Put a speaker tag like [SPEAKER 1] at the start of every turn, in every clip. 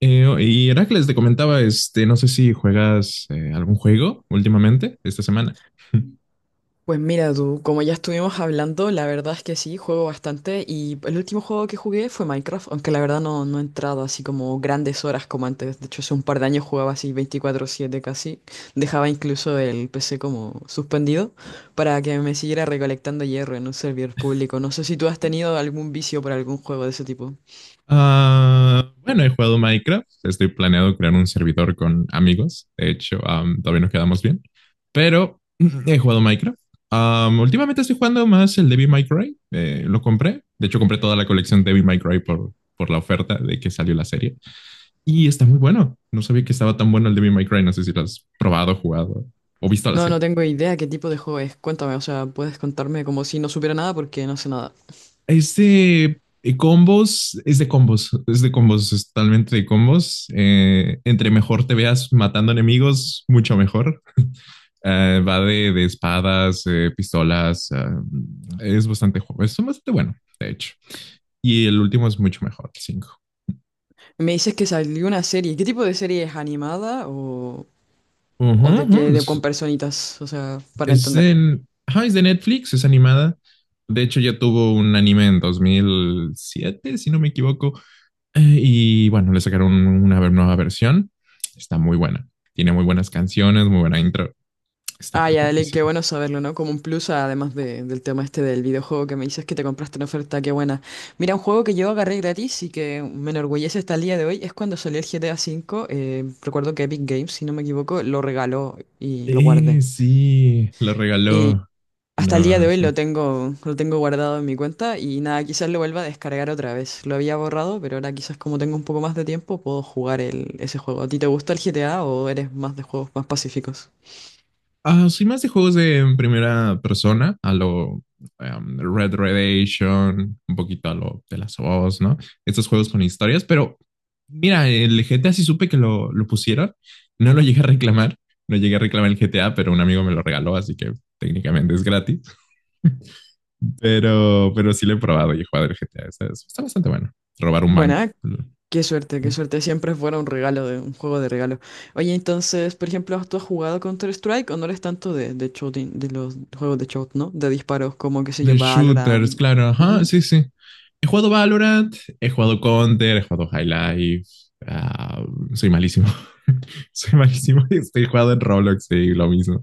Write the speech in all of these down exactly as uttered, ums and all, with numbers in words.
[SPEAKER 1] Eh, y Heracles te comentaba, este, no sé si juegas eh, algún juego últimamente, esta semana.
[SPEAKER 2] Pues mira tú, como ya estuvimos hablando, la verdad es que sí, juego bastante y el último juego que jugué fue Minecraft, aunque la verdad no, no he entrado así como grandes horas como antes. De hecho, hace un par de años jugaba así veinticuatro siete casi. Dejaba incluso el P C como suspendido para que me siguiera recolectando hierro en un servidor público. No sé si tú has tenido algún vicio por algún juego de ese tipo.
[SPEAKER 1] Ah, bueno, he jugado Minecraft. Estoy planeado crear un servidor con amigos. De hecho, am, todavía nos quedamos bien. Pero he jugado Minecraft. Am, últimamente estoy jugando más el Devil May Cry. Eh, lo compré. De hecho, compré toda la colección Devil May Cry por, por la oferta de que salió la serie. Y está muy bueno. No sabía que estaba tan bueno el Devil May Cry. No sé si lo has probado, jugado o visto la
[SPEAKER 2] No,
[SPEAKER 1] serie.
[SPEAKER 2] no tengo idea qué tipo de juego es. Cuéntame, o sea, puedes contarme como si no supiera nada porque no sé nada.
[SPEAKER 1] Es de eh, combos, es de combos, es de combos, es totalmente de combos. Eh, entre mejor te veas matando enemigos, mucho mejor. Eh, va de, de espadas, eh, pistolas, ah, es bastante, ju- es bastante bueno, de hecho. Y el último es mucho mejor, el cinco.
[SPEAKER 2] Me dices que salió una serie. ¿Qué tipo de serie es animada o...? O de que de con
[SPEAKER 1] Es,
[SPEAKER 2] personitas, o sea, para
[SPEAKER 1] es
[SPEAKER 2] entender.
[SPEAKER 1] en- ajá, es de Netflix, es animada. De hecho, ya tuvo un anime en dos mil siete, si no me equivoco. Eh, y bueno, le sacaron una nueva versión. Está muy buena. Tiene muy buenas canciones, muy buena intro. Está
[SPEAKER 2] Ah, ya, dale, qué
[SPEAKER 1] perfectísima.
[SPEAKER 2] bueno saberlo, ¿no? Como un plus, además de- del tema este del videojuego que me dices que te compraste en oferta, qué buena. Mira, un juego que yo agarré gratis y que me enorgullece hasta el día de hoy es cuando salió el G T A cinco. Eh, recuerdo que Epic Games, si no me equivoco, lo regaló y lo
[SPEAKER 1] Eh,
[SPEAKER 2] guardé.
[SPEAKER 1] sí, lo
[SPEAKER 2] Y
[SPEAKER 1] regaló.
[SPEAKER 2] Hasta el día de
[SPEAKER 1] No,
[SPEAKER 2] hoy
[SPEAKER 1] sí.
[SPEAKER 2] lo tengo, lo tengo guardado en mi cuenta y nada, quizás lo vuelva a descargar otra vez. Lo había borrado, pero ahora quizás como tengo un poco más de tiempo puedo jugar el, ese juego. ¿A ti te gusta el G T A o eres más de juegos más pacíficos?
[SPEAKER 1] Ah, soy más de juegos de en primera persona, a lo em, Red Redemption, un poquito a lo de las Us, ¿no? Estos juegos con historias, pero mira, el G T A sí supe que lo, lo pusieron, no lo llegué a reclamar, no llegué a reclamar el G T A, pero un amigo me lo regaló, así que técnicamente es gratis, pero, pero sí lo he probado y he jugado el G T A, está, está bastante bueno, robar un banco.
[SPEAKER 2] Buena, qué suerte, qué suerte. Siempre fuera un regalo, de, un juego de regalo. Oye, entonces, por ejemplo, ¿tú has jugado Counter-Strike o no eres tanto de, de shooting, de los juegos de shot, ¿no? De disparos como, qué sé yo,
[SPEAKER 1] De shooters,
[SPEAKER 2] Valorant.
[SPEAKER 1] claro, ajá,
[SPEAKER 2] Ujú.
[SPEAKER 1] sí, sí. He jugado Valorant, he jugado Counter, he jugado High Life. ah, Soy malísimo. Soy malísimo. Estoy jugando en Roblox, sí, lo mismo.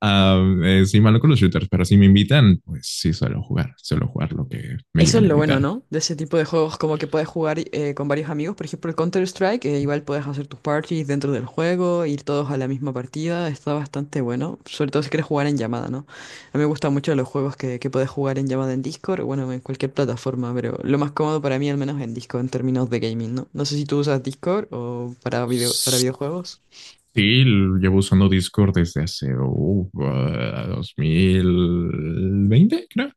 [SPEAKER 1] Ah, eh, soy malo con los shooters, pero si me invitan, pues sí, suelo jugar. Suelo jugar lo que me
[SPEAKER 2] Eso
[SPEAKER 1] llegan
[SPEAKER 2] es
[SPEAKER 1] a
[SPEAKER 2] lo bueno,
[SPEAKER 1] invitar.
[SPEAKER 2] ¿no? De ese tipo de juegos, como que puedes jugar eh, con varios amigos. Por ejemplo, el Counter-Strike, eh, igual puedes hacer tus parties dentro del juego, ir todos a la misma partida. Está bastante bueno, sobre todo si quieres jugar en llamada, ¿no? A mí me gustan mucho los juegos que, que puedes jugar en llamada en Discord, o bueno, en cualquier plataforma, pero lo más cómodo para mí, al menos en Discord, en términos de gaming, ¿no? No sé si tú usas Discord o para video, para
[SPEAKER 1] Sí,
[SPEAKER 2] videojuegos.
[SPEAKER 1] llevo usando Discord desde hace uh, dos mil veinte creo.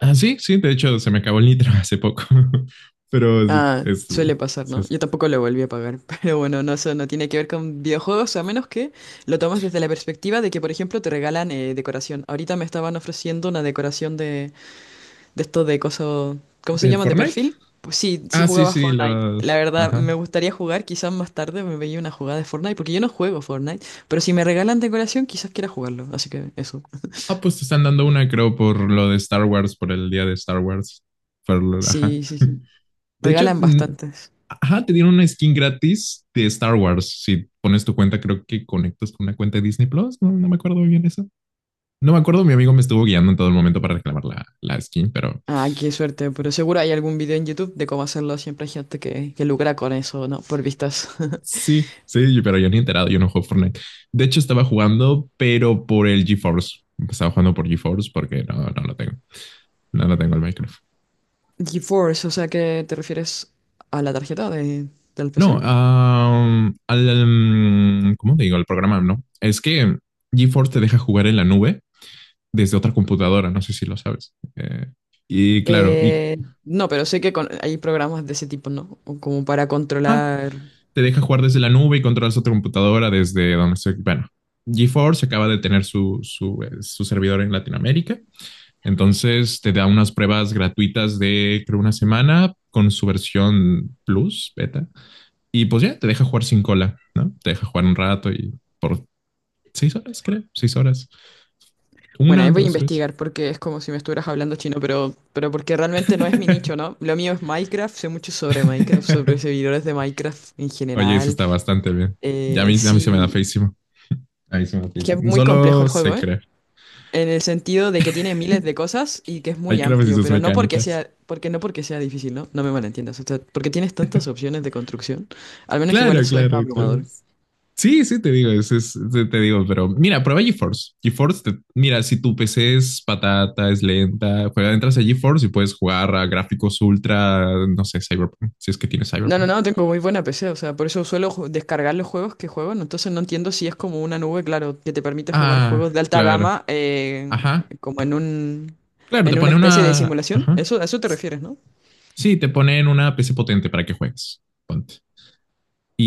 [SPEAKER 1] Ah, sí, sí, de hecho se me acabó el nitro hace poco, pero sí,
[SPEAKER 2] Ah,
[SPEAKER 1] es,
[SPEAKER 2] suele pasar,
[SPEAKER 1] sí,
[SPEAKER 2] ¿no?
[SPEAKER 1] es-
[SPEAKER 2] Yo tampoco lo volví a pagar, pero bueno, no, eso no tiene que ver con videojuegos, a menos que lo tomes desde la perspectiva de que, por ejemplo, te regalan eh, decoración. Ahorita me estaban ofreciendo una decoración de, de esto de coso, ¿cómo se
[SPEAKER 1] del
[SPEAKER 2] llaman? ¿De
[SPEAKER 1] Fortnite.
[SPEAKER 2] perfil? Pues sí, sí
[SPEAKER 1] Ah, sí,
[SPEAKER 2] jugaba
[SPEAKER 1] sí,
[SPEAKER 2] Fortnite.
[SPEAKER 1] los.
[SPEAKER 2] La verdad, me
[SPEAKER 1] Ajá.
[SPEAKER 2] gustaría jugar, quizás más tarde me veía una jugada de Fortnite, porque yo no juego Fortnite, pero si me regalan decoración, quizás quiera jugarlo, así que eso.
[SPEAKER 1] Ah, pues te están dando una, creo, por lo de Star Wars, por el día de Star Wars. Por lo- ajá.
[SPEAKER 2] Sí, sí, sí.
[SPEAKER 1] De hecho,
[SPEAKER 2] Regalan
[SPEAKER 1] mm,
[SPEAKER 2] bastante.
[SPEAKER 1] ajá, te dieron una skin gratis de Star Wars. Si pones tu cuenta, creo que conectas con una cuenta de Disney Plus. No, no me acuerdo bien eso. No me acuerdo, mi amigo me estuvo guiando en todo el momento para reclamar la, la skin, pero
[SPEAKER 2] Ah, qué suerte, pero seguro hay algún video en YouTube de cómo hacerlo. Siempre hay gente que, que lucra con eso, ¿no? Por vistas.
[SPEAKER 1] sí, sí, pero yo ni he enterado, yo no juego Fortnite. De hecho, estaba jugando, pero por el GeForce. Estaba jugando por GeForce porque no, no lo tengo. No lo tengo el Minecraft.
[SPEAKER 2] GeForce, o sea, ¿qué te refieres a la tarjeta de, del
[SPEAKER 1] No,
[SPEAKER 2] P C?
[SPEAKER 1] um, al, um, ¿cómo te digo? El programa, ¿no? Es que GeForce te deja jugar en la nube desde otra computadora, no sé si lo sabes. Eh, y claro, y
[SPEAKER 2] Eh, no, pero sé que con- hay programas de ese tipo, ¿no? O Como para
[SPEAKER 1] ajá,
[SPEAKER 2] controlar.
[SPEAKER 1] te deja jugar desde la nube y controlas otra computadora desde donde estoy. Bueno, GeForce acaba de tener su, su, eh, su servidor en Latinoamérica. Entonces te da unas pruebas gratuitas de creo una semana con su versión plus, beta. Y pues ya te deja jugar sin cola, ¿no? Te deja jugar un rato y por seis horas, creo, seis horas.
[SPEAKER 2] Bueno,
[SPEAKER 1] Una,
[SPEAKER 2] ahí voy a
[SPEAKER 1] dos, tres.
[SPEAKER 2] investigar porque es como si me estuvieras hablando chino, pero, pero porque realmente no es mi nicho, ¿no? Lo mío es Minecraft, sé mucho sobre Minecraft, sobre servidores de Minecraft en
[SPEAKER 1] Oye, eso
[SPEAKER 2] general.
[SPEAKER 1] está bastante bien. Ya a
[SPEAKER 2] Eh,
[SPEAKER 1] mí, a mí se me da
[SPEAKER 2] sí,
[SPEAKER 1] feísimo. A mí se me da
[SPEAKER 2] es que es
[SPEAKER 1] feísimo.
[SPEAKER 2] muy complejo
[SPEAKER 1] Solo
[SPEAKER 2] el
[SPEAKER 1] sé
[SPEAKER 2] juego, ¿eh?
[SPEAKER 1] creer.
[SPEAKER 2] En el sentido de que tiene miles de cosas y que es muy
[SPEAKER 1] Minecraft y
[SPEAKER 2] amplio,
[SPEAKER 1] sus
[SPEAKER 2] pero no porque
[SPEAKER 1] mecánicas.
[SPEAKER 2] sea, porque no porque sea difícil, ¿no? No me malentiendas. O sea, porque tienes tantas opciones de construcción. Al menos igual
[SPEAKER 1] Claro,
[SPEAKER 2] eso es
[SPEAKER 1] claro, claro.
[SPEAKER 2] abrumador.
[SPEAKER 1] Sí, sí, te digo, es, es- te te digo, pero mira, prueba GeForce. GeForce, te- mira, si tu P C es patata, es lenta, juega, entras a GeForce y puedes jugar a gráficos ultra, no sé, Cyberpunk, si es que tienes
[SPEAKER 2] No, no,
[SPEAKER 1] Cyberpunk.
[SPEAKER 2] no, tengo muy buena P C, o sea, por eso suelo ju- descargar los juegos que juego, ¿no? Entonces no entiendo si es como una nube, claro, que te permite jugar
[SPEAKER 1] Ah,
[SPEAKER 2] juegos de alta
[SPEAKER 1] claro,
[SPEAKER 2] gama eh,
[SPEAKER 1] ajá,
[SPEAKER 2] como en un
[SPEAKER 1] claro, te
[SPEAKER 2] en una
[SPEAKER 1] pone
[SPEAKER 2] especie de
[SPEAKER 1] una,
[SPEAKER 2] simulación.
[SPEAKER 1] ajá,
[SPEAKER 2] Eso, a eso te refieres, ¿no?
[SPEAKER 1] sí, te ponen una P C potente para que juegues, ponte.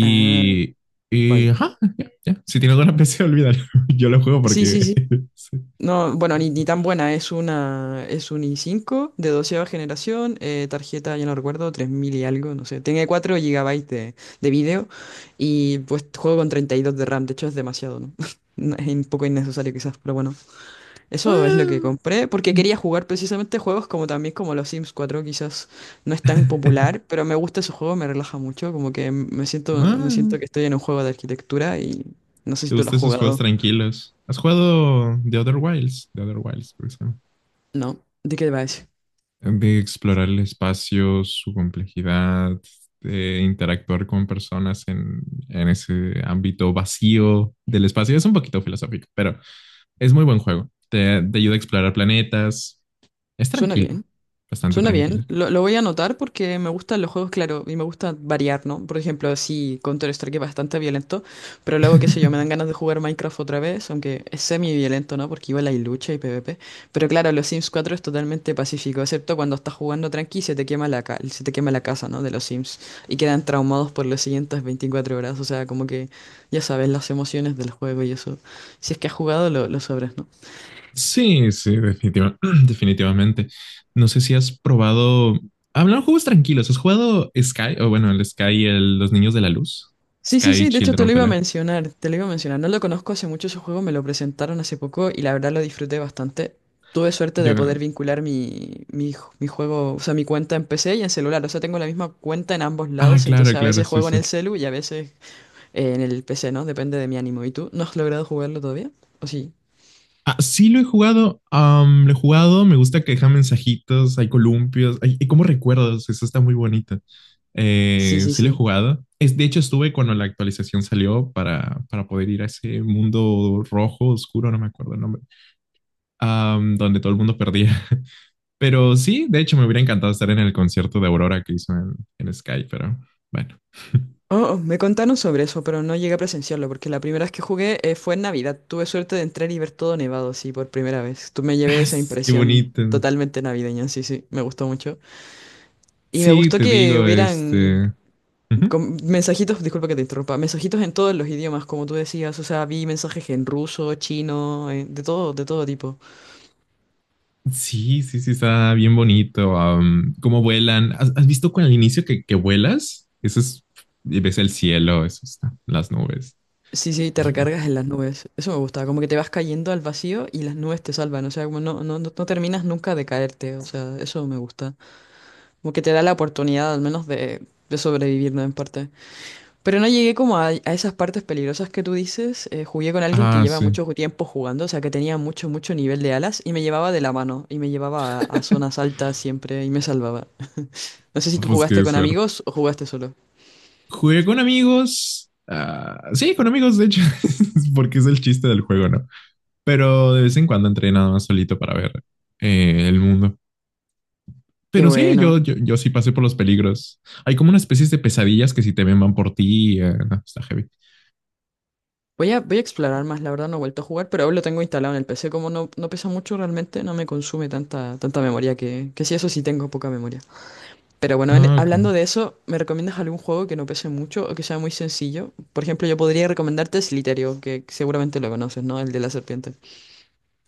[SPEAKER 2] Ah,
[SPEAKER 1] y
[SPEAKER 2] vaya.
[SPEAKER 1] ajá, ya, ya. Si tiene alguna P C, olvídalo. Yo lo juego
[SPEAKER 2] Sí,
[SPEAKER 1] porque
[SPEAKER 2] sí, sí.
[SPEAKER 1] sí.
[SPEAKER 2] No, bueno, ni, ni tan buena, es una, es un i cinco de doceava generación, eh, tarjeta, ya no recuerdo, tres mil y algo, no sé, tiene cuatro gigabytes de, de vídeo y pues juego con treinta y dos de RAM, de hecho es demasiado, ¿no? No, Es un poco innecesario quizás, pero bueno, eso es lo que
[SPEAKER 1] Ah.
[SPEAKER 2] compré porque quería jugar precisamente juegos como también como los Sims cuatro, quizás no es tan popular, pero me gusta ese juego, me relaja mucho, como que me siento, me
[SPEAKER 1] Ah,
[SPEAKER 2] siento que estoy en un juego de arquitectura y no sé si
[SPEAKER 1] ¿te
[SPEAKER 2] tú lo has
[SPEAKER 1] gustan esos juegos
[SPEAKER 2] jugado.
[SPEAKER 1] tranquilos? ¿Has jugado The Other Wilds? The Other Wilds, por ejemplo.
[SPEAKER 2] No, ¿de qué va ese?
[SPEAKER 1] De explorar el espacio, su complejidad, de interactuar con personas en, en ese ámbito vacío del espacio. Es un poquito filosófico, pero es muy buen juego. Te, te ayuda a explorar planetas. Es
[SPEAKER 2] Suena
[SPEAKER 1] tranquilo,
[SPEAKER 2] bien.
[SPEAKER 1] bastante
[SPEAKER 2] Suena
[SPEAKER 1] tranquilo.
[SPEAKER 2] bien, lo, lo voy a anotar porque me gustan los juegos, claro, y me gusta variar, ¿no? Por ejemplo, sí, Counter-Strike es bastante violento, pero luego, qué sé yo, me dan ganas de jugar Minecraft otra vez, aunque es semi-violento, ¿no? Porque igual hay lucha y PvP. Pero claro, los Sims cuatro es totalmente pacífico, excepto cuando estás jugando tranqui y se te quema la ca- se te quema la casa, ¿no? De los Sims y quedan traumados por las siguientes veinticuatro horas, o sea, como que ya sabes las emociones del juego y eso. Si es que has jugado, lo, lo sabrás, ¿no?
[SPEAKER 1] Sí, sí, definitiva- definitivamente. No sé si has probado. Hablando de juegos tranquilos, ¿has jugado Sky? O bueno, el Sky, el, Los Niños de la Luz.
[SPEAKER 2] Sí, sí,
[SPEAKER 1] Sky
[SPEAKER 2] sí, de hecho
[SPEAKER 1] Children
[SPEAKER 2] te lo
[SPEAKER 1] of the
[SPEAKER 2] iba a
[SPEAKER 1] Light.
[SPEAKER 2] mencionar, te lo iba a mencionar. No lo conozco hace mucho ese juego, me lo presentaron hace poco y la verdad lo disfruté bastante. Tuve suerte de poder
[SPEAKER 1] Yo...
[SPEAKER 2] vincular mi, mi, ju- mi juego, o sea, mi cuenta en P C y en celular. O sea, tengo la misma cuenta en ambos
[SPEAKER 1] Ah,
[SPEAKER 2] lados, entonces
[SPEAKER 1] claro,
[SPEAKER 2] a
[SPEAKER 1] claro,
[SPEAKER 2] veces
[SPEAKER 1] sí,
[SPEAKER 2] juego en el
[SPEAKER 1] sí.
[SPEAKER 2] celu y a veces eh, en el P C, ¿no? Depende de mi ánimo. ¿Y tú? ¿No has logrado jugarlo todavía? ¿O sí?
[SPEAKER 1] Ah, sí lo he jugado, am, lo he jugado, me gusta que deja mensajitos, hay columpios, hay, hay como recuerdos, eso está muy bonito.
[SPEAKER 2] Sí,
[SPEAKER 1] Eh,
[SPEAKER 2] sí,
[SPEAKER 1] sí lo he
[SPEAKER 2] sí.
[SPEAKER 1] jugado. Es, de hecho, estuve cuando la actualización salió para, para poder ir a ese mundo rojo, oscuro, no me acuerdo el nombre, am, donde todo el mundo perdía. Pero sí, de hecho, me hubiera encantado estar en el concierto de Aurora que hizo en, en Sky, pero bueno.
[SPEAKER 2] Oh, oh, me contaron sobre eso, pero no llegué a presenciarlo, porque la primera vez que jugué eh, fue en Navidad. Tuve suerte de entrar y ver todo nevado, sí, por primera vez. Tú me llevé
[SPEAKER 1] Ah,
[SPEAKER 2] esa
[SPEAKER 1] sí, qué
[SPEAKER 2] impresión
[SPEAKER 1] bonito.
[SPEAKER 2] totalmente navideña, sí, sí, me gustó mucho. Y me
[SPEAKER 1] Sí,
[SPEAKER 2] gustó
[SPEAKER 1] te
[SPEAKER 2] que
[SPEAKER 1] digo,
[SPEAKER 2] hubieran
[SPEAKER 1] este... ujú.
[SPEAKER 2] com- mensajitos, disculpa que te interrumpa, mensajitos en todos los idiomas, como tú decías, o sea, vi mensajes en ruso, chino, eh, de todo, de todo tipo.
[SPEAKER 1] Sí, sí, sí, está bien bonito. Am, cómo vuelan. ¿Has, has visto con el inicio que, que vuelas? Eso es, y ves el cielo, eso está, las nubes.
[SPEAKER 2] Sí, sí, te
[SPEAKER 1] Es-
[SPEAKER 2] recargas en las nubes. Eso me gusta, como que te vas cayendo al vacío y las nubes te salvan, o sea, como no, no, no no terminas nunca de caerte, o sea, eso me gusta. Como que te da la oportunidad al menos de, de sobrevivir, ¿no? En parte. Pero no llegué como a, a esas partes peligrosas que tú dices. Eh, jugué con alguien que
[SPEAKER 1] ah,
[SPEAKER 2] lleva
[SPEAKER 1] sí.
[SPEAKER 2] mucho tiempo jugando, o sea, que tenía mucho, mucho nivel de alas y me llevaba de la mano y me llevaba a, a zonas altas siempre y me salvaba. No sé si
[SPEAKER 1] Ah,
[SPEAKER 2] tú
[SPEAKER 1] pues
[SPEAKER 2] jugaste
[SPEAKER 1] qué
[SPEAKER 2] con
[SPEAKER 1] suerte.
[SPEAKER 2] amigos o jugaste solo.
[SPEAKER 1] Jugué con amigos. Ah, sí, con amigos, de hecho, porque es el chiste del juego, ¿no? Pero de vez en cuando entré nada más solito para ver eh, el mundo.
[SPEAKER 2] Qué
[SPEAKER 1] Pero sí,
[SPEAKER 2] bueno.
[SPEAKER 1] yo, yo, yo sí pasé por los peligros. Hay como una especie de pesadillas que si te ven van por ti. Eh, no, está heavy.
[SPEAKER 2] Voy a, voy a explorar más, la verdad no he vuelto a jugar, pero aún lo tengo instalado en el P C. Como no, no pesa mucho realmente, no me consume tanta, tanta memoria que, que sí, eso sí tengo poca memoria. Pero bueno, en-
[SPEAKER 1] Ah, ok.
[SPEAKER 2] hablando de eso, ¿me recomiendas algún juego que no pese mucho o que sea muy sencillo? Por ejemplo, yo podría recomendarte Slytherin, que seguramente lo conoces, ¿no? El de la serpiente.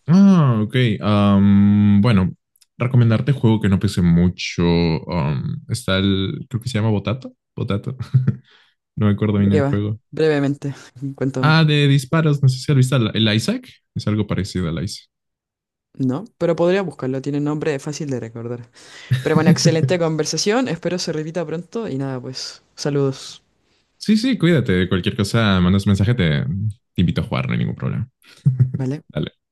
[SPEAKER 1] Ah, ok. Am, bueno, recomendarte juego que no pese mucho. Am, está el, creo que se llama Botato. Botato. No me acuerdo
[SPEAKER 2] ¿De
[SPEAKER 1] bien el
[SPEAKER 2] qué va?
[SPEAKER 1] juego.
[SPEAKER 2] Brevemente, cuéntame.
[SPEAKER 1] Ah, de disparos. No sé si has visto el el Isaac. Es algo parecido al Isaac.
[SPEAKER 2] No, pero podría buscarlo, tiene nombre fácil de recordar. Pero bueno, excelente conversación, espero se repita pronto y nada, pues, saludos.
[SPEAKER 1] Sí, sí, cuídate. Cualquier cosa, mandas mensaje, te, te invito a jugar, no hay ningún problema.
[SPEAKER 2] ¿Vale?
[SPEAKER 1] Dale.